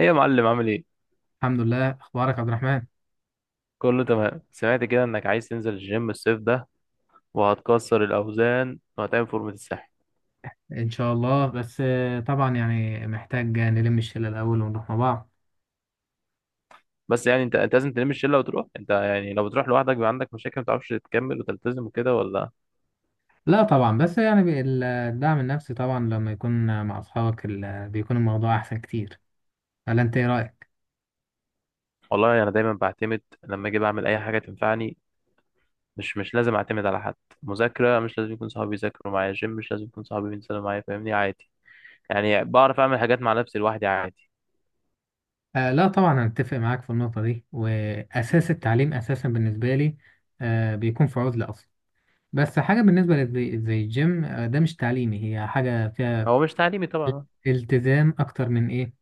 ايه يا معلم، عامل ايه؟ الحمد لله، اخبارك يا عبد الرحمن. كله تمام. سمعت كده انك عايز تنزل الجيم الصيف ده، وهتكسر الاوزان وهتعمل فورمه الساحل. ان شاء الله. بس طبعا يعني محتاج نلم الشله الاول ونروح مع بعض. بس يعني انت لازم تلم الشله وتروح انت، يعني لو بتروح لوحدك بيبقى عندك مشاكل، ما تعرفش تكمل وتلتزم وكده، ولا؟ لا طبعا، بس يعني الدعم النفسي طبعا لما يكون مع اصحابك بيكون الموضوع احسن كتير. ولا انت ايه رايك؟ والله انا يعني دايما بعتمد، لما اجي بعمل اي حاجه تنفعني. مش لازم اعتمد على حد. مذاكره مش لازم يكون صحابي يذاكروا معايا، جيم مش لازم يكون صحابي بينزلوا معايا، فاهمني؟ عادي. يعني بعرف اعمل حاجات مع نفسي لوحدي عادي. لا طبعا، انا اتفق معاك في النقطه دي، واساس التعليم اساسا بالنسبه لي بيكون في عزله اصلا. بس حاجه بالنسبه لزي زي الجيم، ده مش تعليمي، هي حاجه فيها هو مش تعليمي طبعا. التزام اكتر من ايه،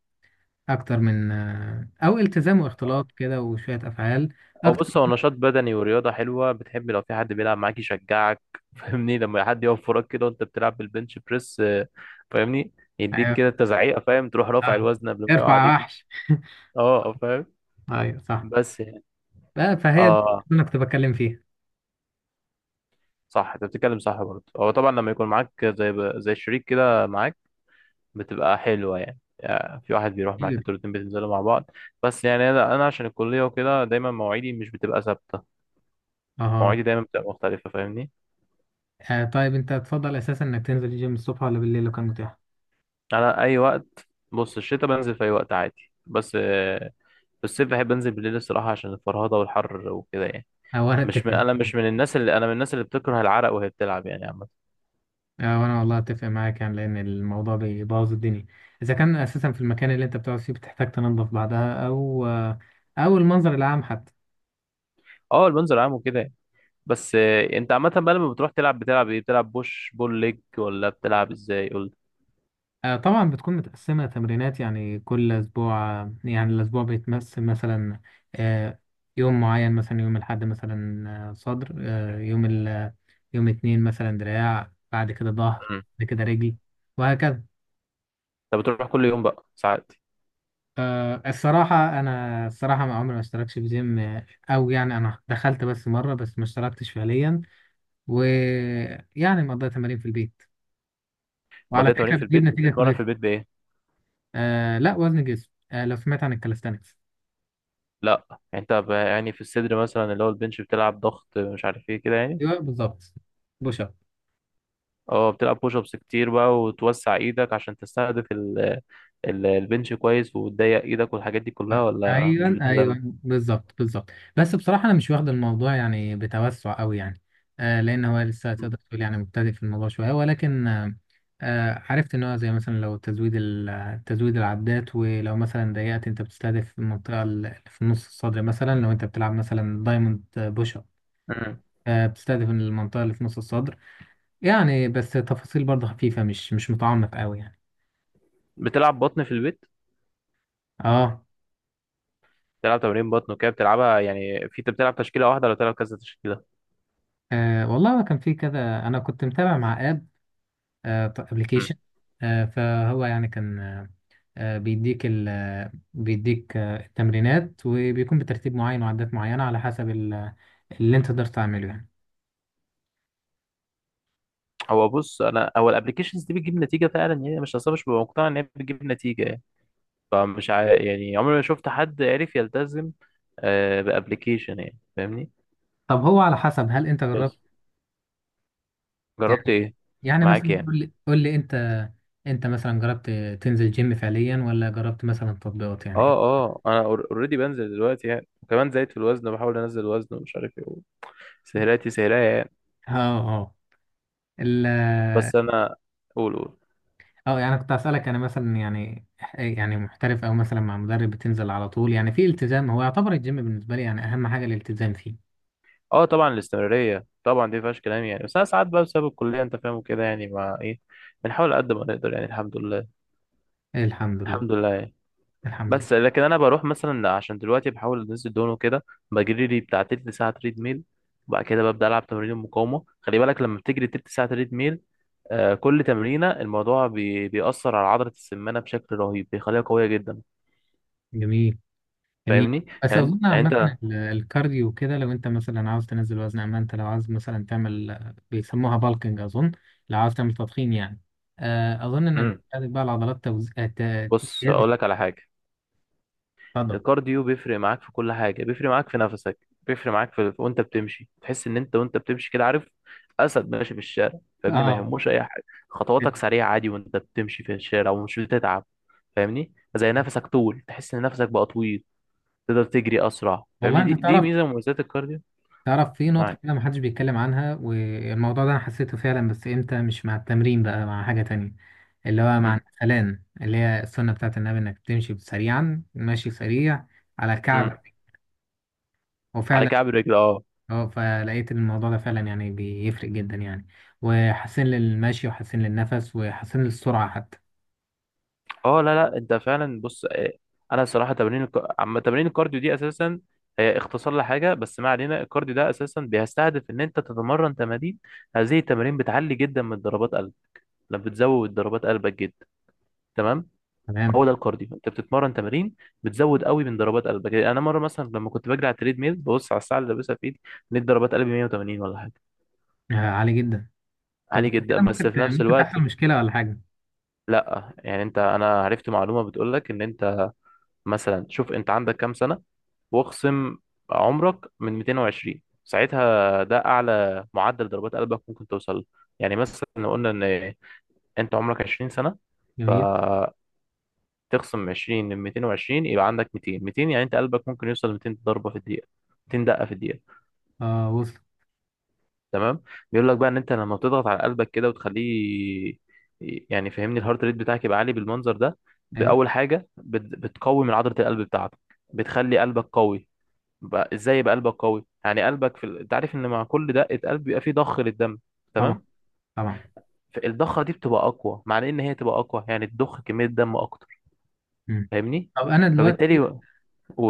اكتر من او التزام واختلاط كده وشويه افعال، هو، اكتر بص، هو من… نشاط بدني ورياضة حلوة، بتحب لو في حد بيلعب معاك يشجعك. فاهمني؟ لما حد يقف وراك كده وانت بتلعب بالبنش بريس، فاهمني. يديك ايوه. كده تزعيقة، فاهم؟ تروح رافع اه، الوزن قبل ما يقع ارفع عليك. وحش. اه، فاهم. ايوه صح. بس يعني، بقى فهي دي اه اللي انا كنت بتكلم فيها صح، انت بتتكلم صح برضه، هو طبعا لما يكون معاك زي شريك كده معاك، بتبقى حلوة يعني. يعني في واحد بيروح معاك كتير. انتوا الاتنين بتنزلوا مع بعض. بس يعني انا عشان الكلية وكده دايما مواعيدي مش بتبقى ثابتة. اه، مواعيدي دايما بتبقى مختلفة، فاهمني؟ طيب انت تفضل اساسا انك تنزل الجيم الصبح ولا بالليل لو كان متاح؟ انا اي وقت، بص، الشتاء بنزل في اي وقت عادي، بس في الصيف بحب انزل بالليل الصراحه، عشان الفرهده والحر وكده يعني. او انا اتفق. مش من، انا مش من الناس اللي، انا من الناس اللي بتكره العرق وهي بتلعب يعني عامه. او انا والله اتفق معاك يعني، لان الموضوع بيبوظ الدنيا اذا كان اساسا في المكان اللي انت بتقعد فيه بتحتاج تنظف بعدها، او او المنظر العام حتى. اه، اللي بنزل عام وكده يعني. بس انت عامه بقى، لما بتروح تلعب بتلعب ايه؟ بتلعب بوش بول ليج ولا بتلعب ازاي، قول طبعا بتكون متقسمة تمرينات يعني، كل أسبوع يعني الأسبوع بيتمثل مثلا آه، يوم معين، مثلا يوم الأحد مثلا، صدر، يوم اتنين مثلا دراع، بعد كده ظهر، لي. بعد كده رجل، وهكذا. انت بتروح كل يوم بقى ساعات؟ الصراحة أنا ما عمري ما اشتركتش في جيم. أو يعني أنا دخلت بس مرة، بس ما اشتركتش فعليا، ويعني مقضية تمارين في البيت، وعلى مضيت تمارين فكرة في بتجيب البيت؟ نتيجة بتتمرن في كويسة. البيت بايه؟ لا، وزن جسم. لو سمعت عن الكاليستانكس. لا يعني انت يعني في الصدر مثلا، اللي هو البنش، بتلعب ضغط مش عارف ايه كده يعني. ايوه بالظبط. بوش اب. اه، بتلعب بوش ابس كتير بقى، وتوسع ايدك عشان تستهدف البنش كويس، وتضيق ايدك والحاجات دي كلها، ولا مش ايوه بتهتم؟ ايوه بالظبط. بس بصراحه انا مش واخد الموضوع يعني بتوسع قوي يعني. لان هو لسه تقدر تقول يعني مبتدئ في الموضوع شويه، ولكن عرفت ان هو زي مثلا، لو تزويد العدات، ولو مثلا ضيقت انت بتستهدف المنطقه اللي في نص الصدر، مثلا لو انت بتلعب مثلا دايموند بوش اب. مم. بتستهدف المنطقه اللي في نص الصدر. يعني بس تفاصيل برضه خفيفه، مش متعمق قوي يعني. بتلعب بطن في البيت؟ اه، بتلعب تمارين بطن وكده، بتلعبها يعني، في انت بتلعب تشكيله واحده ولا بتلعب كذا تشكيله؟ أه والله هو كان في كذا، أنا كنت متابع مع آب، مم. أبلكيشن. أه فهو يعني كان، أه بيديك ال آه، بيديك أه التمرينات، وبيكون بترتيب معين وعدات معينة على حسب اللي أنت تقدر تعمله يعني. هو، بص، انا هو الابلكيشنز دي بتجيب نتيجه فعلا يعني، مش اصلا، مش ببقى مقتنع ان هي بتجيب نتيجه يعني. فمش يعني عمري ما شفت حد عرف يلتزم بابلكيشن يعني، فاهمني. طب هو على حسب، هل أنت جربت بس جربت يعني؟ ايه يعني معاك مثلا يعني؟ قول لي أنت، مثلا جربت تنزل جيم فعليا، ولا جربت مثلا تطبيقات يعني؟ اه اه، انا اوريدي بنزل دلوقتي يعني، وكمان زايد في الوزن بحاول انزل الوزن ومش عارف ايه، سهراتي سهرية يعني. اه اه بس انا، قول قول. اه يعني كنت اسالك انا مثلا يعني، يعني محترف او مثلا مع مدرب بتنزل على طول، يعني في التزام. هو يعتبر الجيم بالنسبه لي يعني اهم حاجه الالتزام فيه. اه، طبعا الاستمرارية طبعا دي مفيهاش كلام يعني، بس انا ساعات بقى بسبب الكلية انت فاهم وكده يعني، مع ايه بنحاول قد ما نقدر يعني، الحمد لله. الحمد لله. الحمد لله يعني. الحمد لله. بس لكن انا بروح مثلا عشان دلوقتي بحاول انزل دهون وكده، بجري لي بتاع تلت ساعة تريد ميل، وبعد كده ببدأ ألعب تمارين المقاومة. خلي بالك، لما بتجري تلت ساعة تريد ميل، كل تمرينة الموضوع بيأثر على عضلة السمانة بشكل رهيب، بيخليها قوية جدا. جميل. جميل. فاهمني بس يعني، اظن يعني عامه انت. الكارديو كده، لو انت مثلا عاوز تنزل وزن. اما انت لو عاوز مثلا تعمل، بيسموها بالكنج اظن، لو عاوز تعمل تضخيم يعني، اظن انك امم بتحتاج بقى العضلات توزيع بص زياده. اقول لك على حاجة. اتفضل. الكارديو بيفرق معاك في كل حاجة، بيفرق معاك في نفسك، بيفرق معاك في، وانت بتمشي تحس ان انت وانت بتمشي كده، عارف؟ اسد ماشي في الشارع، فاهمني؟ ما اه يهموش اي حاجة، خطواتك سريعة عادي وانت بتمشي في الشارع ومش بتتعب. فاهمني، زي نفسك طول، تحس ان نفسك بقى طويل، تقدر تجري اسرع، والله، فاهمني؟ انت دي تعرف، ميزة من مميزات الكارديو. تعرف في نقطة معاك. كده محدش بيتكلم عنها، والموضوع ده أنا حسيته فعلا، بس إمتى؟ مش مع التمرين بقى، مع حاجة تانية، اللي هو مع امم. الأذان، اللي هي السنة بتاعت النبي، إنك تمشي سريعا، ماشي سريع على امم. كعبك. على وفعلا، كعب رجل، اه. اه، فلقيت إن الموضوع ده فعلا يعني بيفرق جدا يعني، وحسن للمشي وحسن للنفس وحسن للسرعة حتى. اه، لا لا، انت فعلا، بص، انا صراحه تمارين الكارديو دي اساسا، هي اختصار لحاجه، بس ما علينا. الكارديو ده اساسا بيستهدف ان انت تتمرن تمارين، هذه التمارين بتعلي جدا من ضربات قلب. لما بتزود ضربات قلبك جدا، تمام؟ تمام. هو ده الكارديو، انت بتتمرن تمارين بتزود قوي من ضربات قلبك. يعني انا مره مثلا لما كنت بجري على التريد ميل، ببص على الساعه اللي لابسها في ايدي، لقيت ضربات قلبي 180 ولا حاجه. عالي جدا. طب عالي جدا، كده بس ممكن في نفس ممكن الوقت، تحصل مشكلة ولا حاجة؟ لا يعني انت، انا عرفت معلومه بتقول لك ان انت مثلا شوف انت عندك كام سنه، واخصم عمرك من 220، ساعتها ده اعلى معدل ضربات قلبك ممكن توصل له. يعني مثلا لو قلنا ان انت عمرك 20 سنه، جميل. فتخصم 20 من 220، يبقى عندك 200. 200 يعني انت قلبك ممكن يوصل 200 ضربه في الدقيقه، 200 دقه في الدقيقه، اه وصل. تمام؟ بيقول لك بقى ان انت لما بتضغط على قلبك كده وتخليه، يعني فهمني، الهارت ريت بتاعك يبقى عالي بالمنظر ده، أيوه. باول حاجه بتقوي من عضله القلب بتاعتك، بتخلي قلبك قوي. بقى ازاي يبقى قلبك قوي؟ يعني قلبك في انت عارف ان مع كل دقه قلب بيبقى فيه ضخ للدم، طبعا تمام؟ طبعا فالضخه دي بتبقى اقوى، معنى ان هي تبقى اقوى يعني تضخ كميه دم اكتر، مم. فاهمني؟ طب أنا فبالتالي، دلوقتي، قول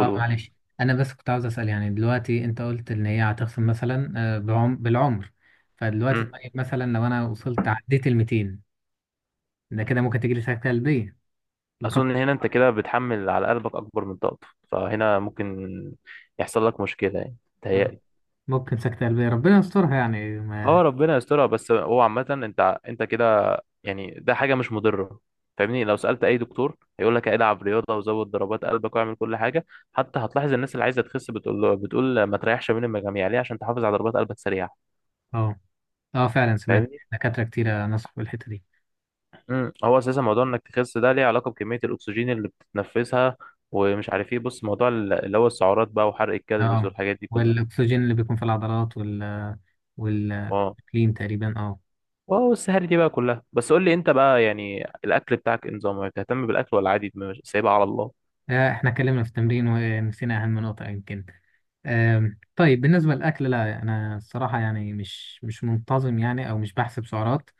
اه معلش، انا بس كنت عاوز اسال يعني. دلوقتي انت قلت ان هي هتخصم مثلا بالعمر. فدلوقتي امم طيب، مثلا لو انا وصلت عديت ال 200، ده كده ممكن تجي لي سكته قلبيه؟ لقد. اظن هنا انت كده بتحمل على قلبك اكبر من طاقته، فهنا ممكن يحصل لك مشكله يعني، آه، تهيألي. ممكن سكته قلبيه، ربنا يسترها يعني ما. اه، ربنا يسترها، بس هو عامة، انت كده يعني ده حاجة مش مضرة. فاهمني؟ لو سألت أي دكتور هيقول لك العب رياضة وزود ضربات قلبك واعمل كل حاجة. حتى هتلاحظ الناس اللي عايزة تخس بتقول له، بتقول ما تريحش بين المجاميع ليه، عشان تحافظ على ضربات قلبك سريعة، اه اه فعلا سمعت فاهمني. دكاتره كتيره نصحوا بالحته دي. هو أساسا موضوع إنك تخس ده ليه علاقة بكمية الأكسجين اللي بتتنفسها، ومش عارف إيه، بص موضوع اللي هو السعرات بقى، وحرق الكالوريز اه والحاجات دي كلها. والاكسجين اللي بيكون في العضلات اه، والكلين تقريبا اه. واو السهر دي بقى كلها. بس قول لي أنت بقى، يعني الأكل بتاعك إيه نظامه؟ بتهتم بالأكل ولا عادي، سايبها على الله؟ احنا اتكلمنا في التمرين ونسينا اهم نقطه يمكن. طيب بالنسبة للأكل، لا أنا الصراحة يعني مش منتظم يعني، أو مش بحسب سعرات،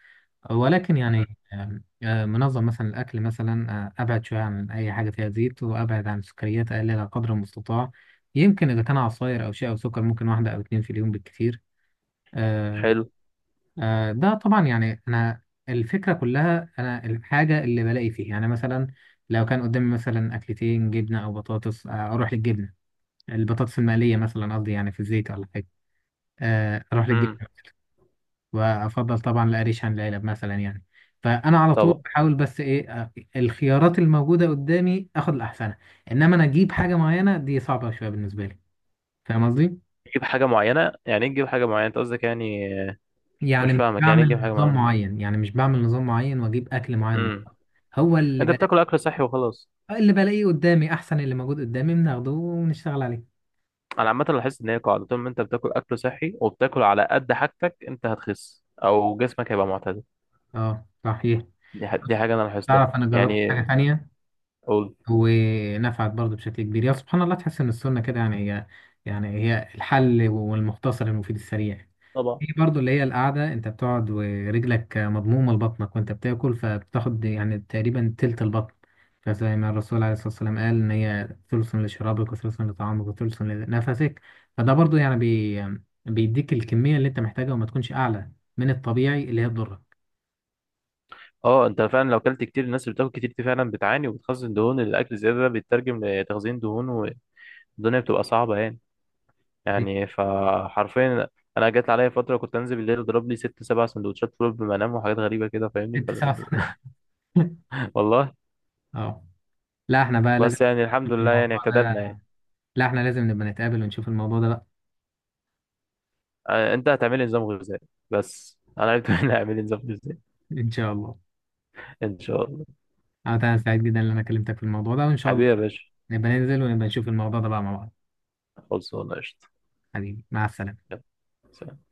ولكن مم. يعني آم، آه، منظم مثلا الأكل مثلا. أبعد شوية عن أي حاجة فيها زيت، وأبعد عن السكريات أقللها قدر المستطاع. يمكن إذا كان عصاير أو شيء أو سكر، ممكن واحدة أو اتنين في اليوم بالكثير. آه، حلو. ده طبعا يعني، الفكرة كلها، أنا الحاجة اللي بلاقي فيها يعني، مثلا لو كان قدامي مثلا أكلتين جبنة أو بطاطس، أروح للجبنة، البطاطس المقلية مثلا قصدي يعني في الزيت ولا حاجة. اروح للجيم. امم وافضل طبعا القريش عن العلب مثلا يعني. فانا على طول طبعا. بحاول، بس ايه الخيارات الموجوده قدامي اخد الاحسنه. انما انا اجيب حاجه معينه، دي صعبه شويه بالنسبه لي، فاهم قصدي؟ تجيب حاجه معينه يعني ايه، تجيب حاجه معينه انت قصدك يعني؟ مش يعني مش فاهمك، يعني ايه تجيب بعمل حاجه نظام معينه؟ معين، واجيب اكل معين، امم هو اللي انت بتاكل بلاقيه، اكل صحي وخلاص؟ اللي بلاقيه قدامي احسن، اللي موجود قدامي بناخده ونشتغل عليه. انا عامه لاحظت ان هي قاعده، طول ما انت بتاكل اكل صحي وبتاكل على قد حاجتك، انت هتخس او جسمك هيبقى معتدل. اه صحيح. دي حاجه انا لاحظتها تعرف انا جربت حاجه يعني. ثانيه قول. ونفعت برضه بشكل كبير، يا سبحان الله. تحس ان السنه كده يعني، يعني هي الحل والمختصر المفيد السريع. طبعا. في برضه اللي هي القعده، انت بتقعد ورجلك مضمومه لبطنك وانت بتاكل، فبتاخد يعني تقريبا تلت البطن. فزي ما الرسول عليه الصلاه والسلام قال ان هي ثلث لشرابك وثلث لطعامك وثلث لنفسك. فده برضه يعني بيديك الكميه اللي انت محتاجها وما تكونش اعلى من الطبيعي اللي هي تضرك. اه، انت فعلا لو اكلت كتير، الناس اللي بتاكل كتير دي فعلا بتعاني وبتخزن دهون، الاكل الزياده ده بيترجم لتخزين دهون، والدنيا بتبقى صعبه يعني. دي يعني فحرفيا، انا جت عليا فتره كنت انزل بالليل اضرب لي ست سبع سندوتشات فول قبل ما انام وحاجات غريبه كده، فاهمني. 6 ساعات والله. اه، لا احنا بقى لازم بس يعني الحمد في لله يعني الموضوع اعتدلنا ده، يعني. لا احنا لازم نبقى نتقابل ونشوف الموضوع ده بقى. انت هتعملي نظام غذائي، بس انا عرفت ان هعمل نظام غذائي. ان شاء الله. ان شاء الله. انا سعيد جدا ان انا كلمتك في الموضوع ده، وان شاء الله حبيبي يا باشا. نبقى ننزل ونبقى نشوف الموضوع ده بقى مع بعض. خلصانه قشطه. حبيبي، مع السلامة. يلا، سلام.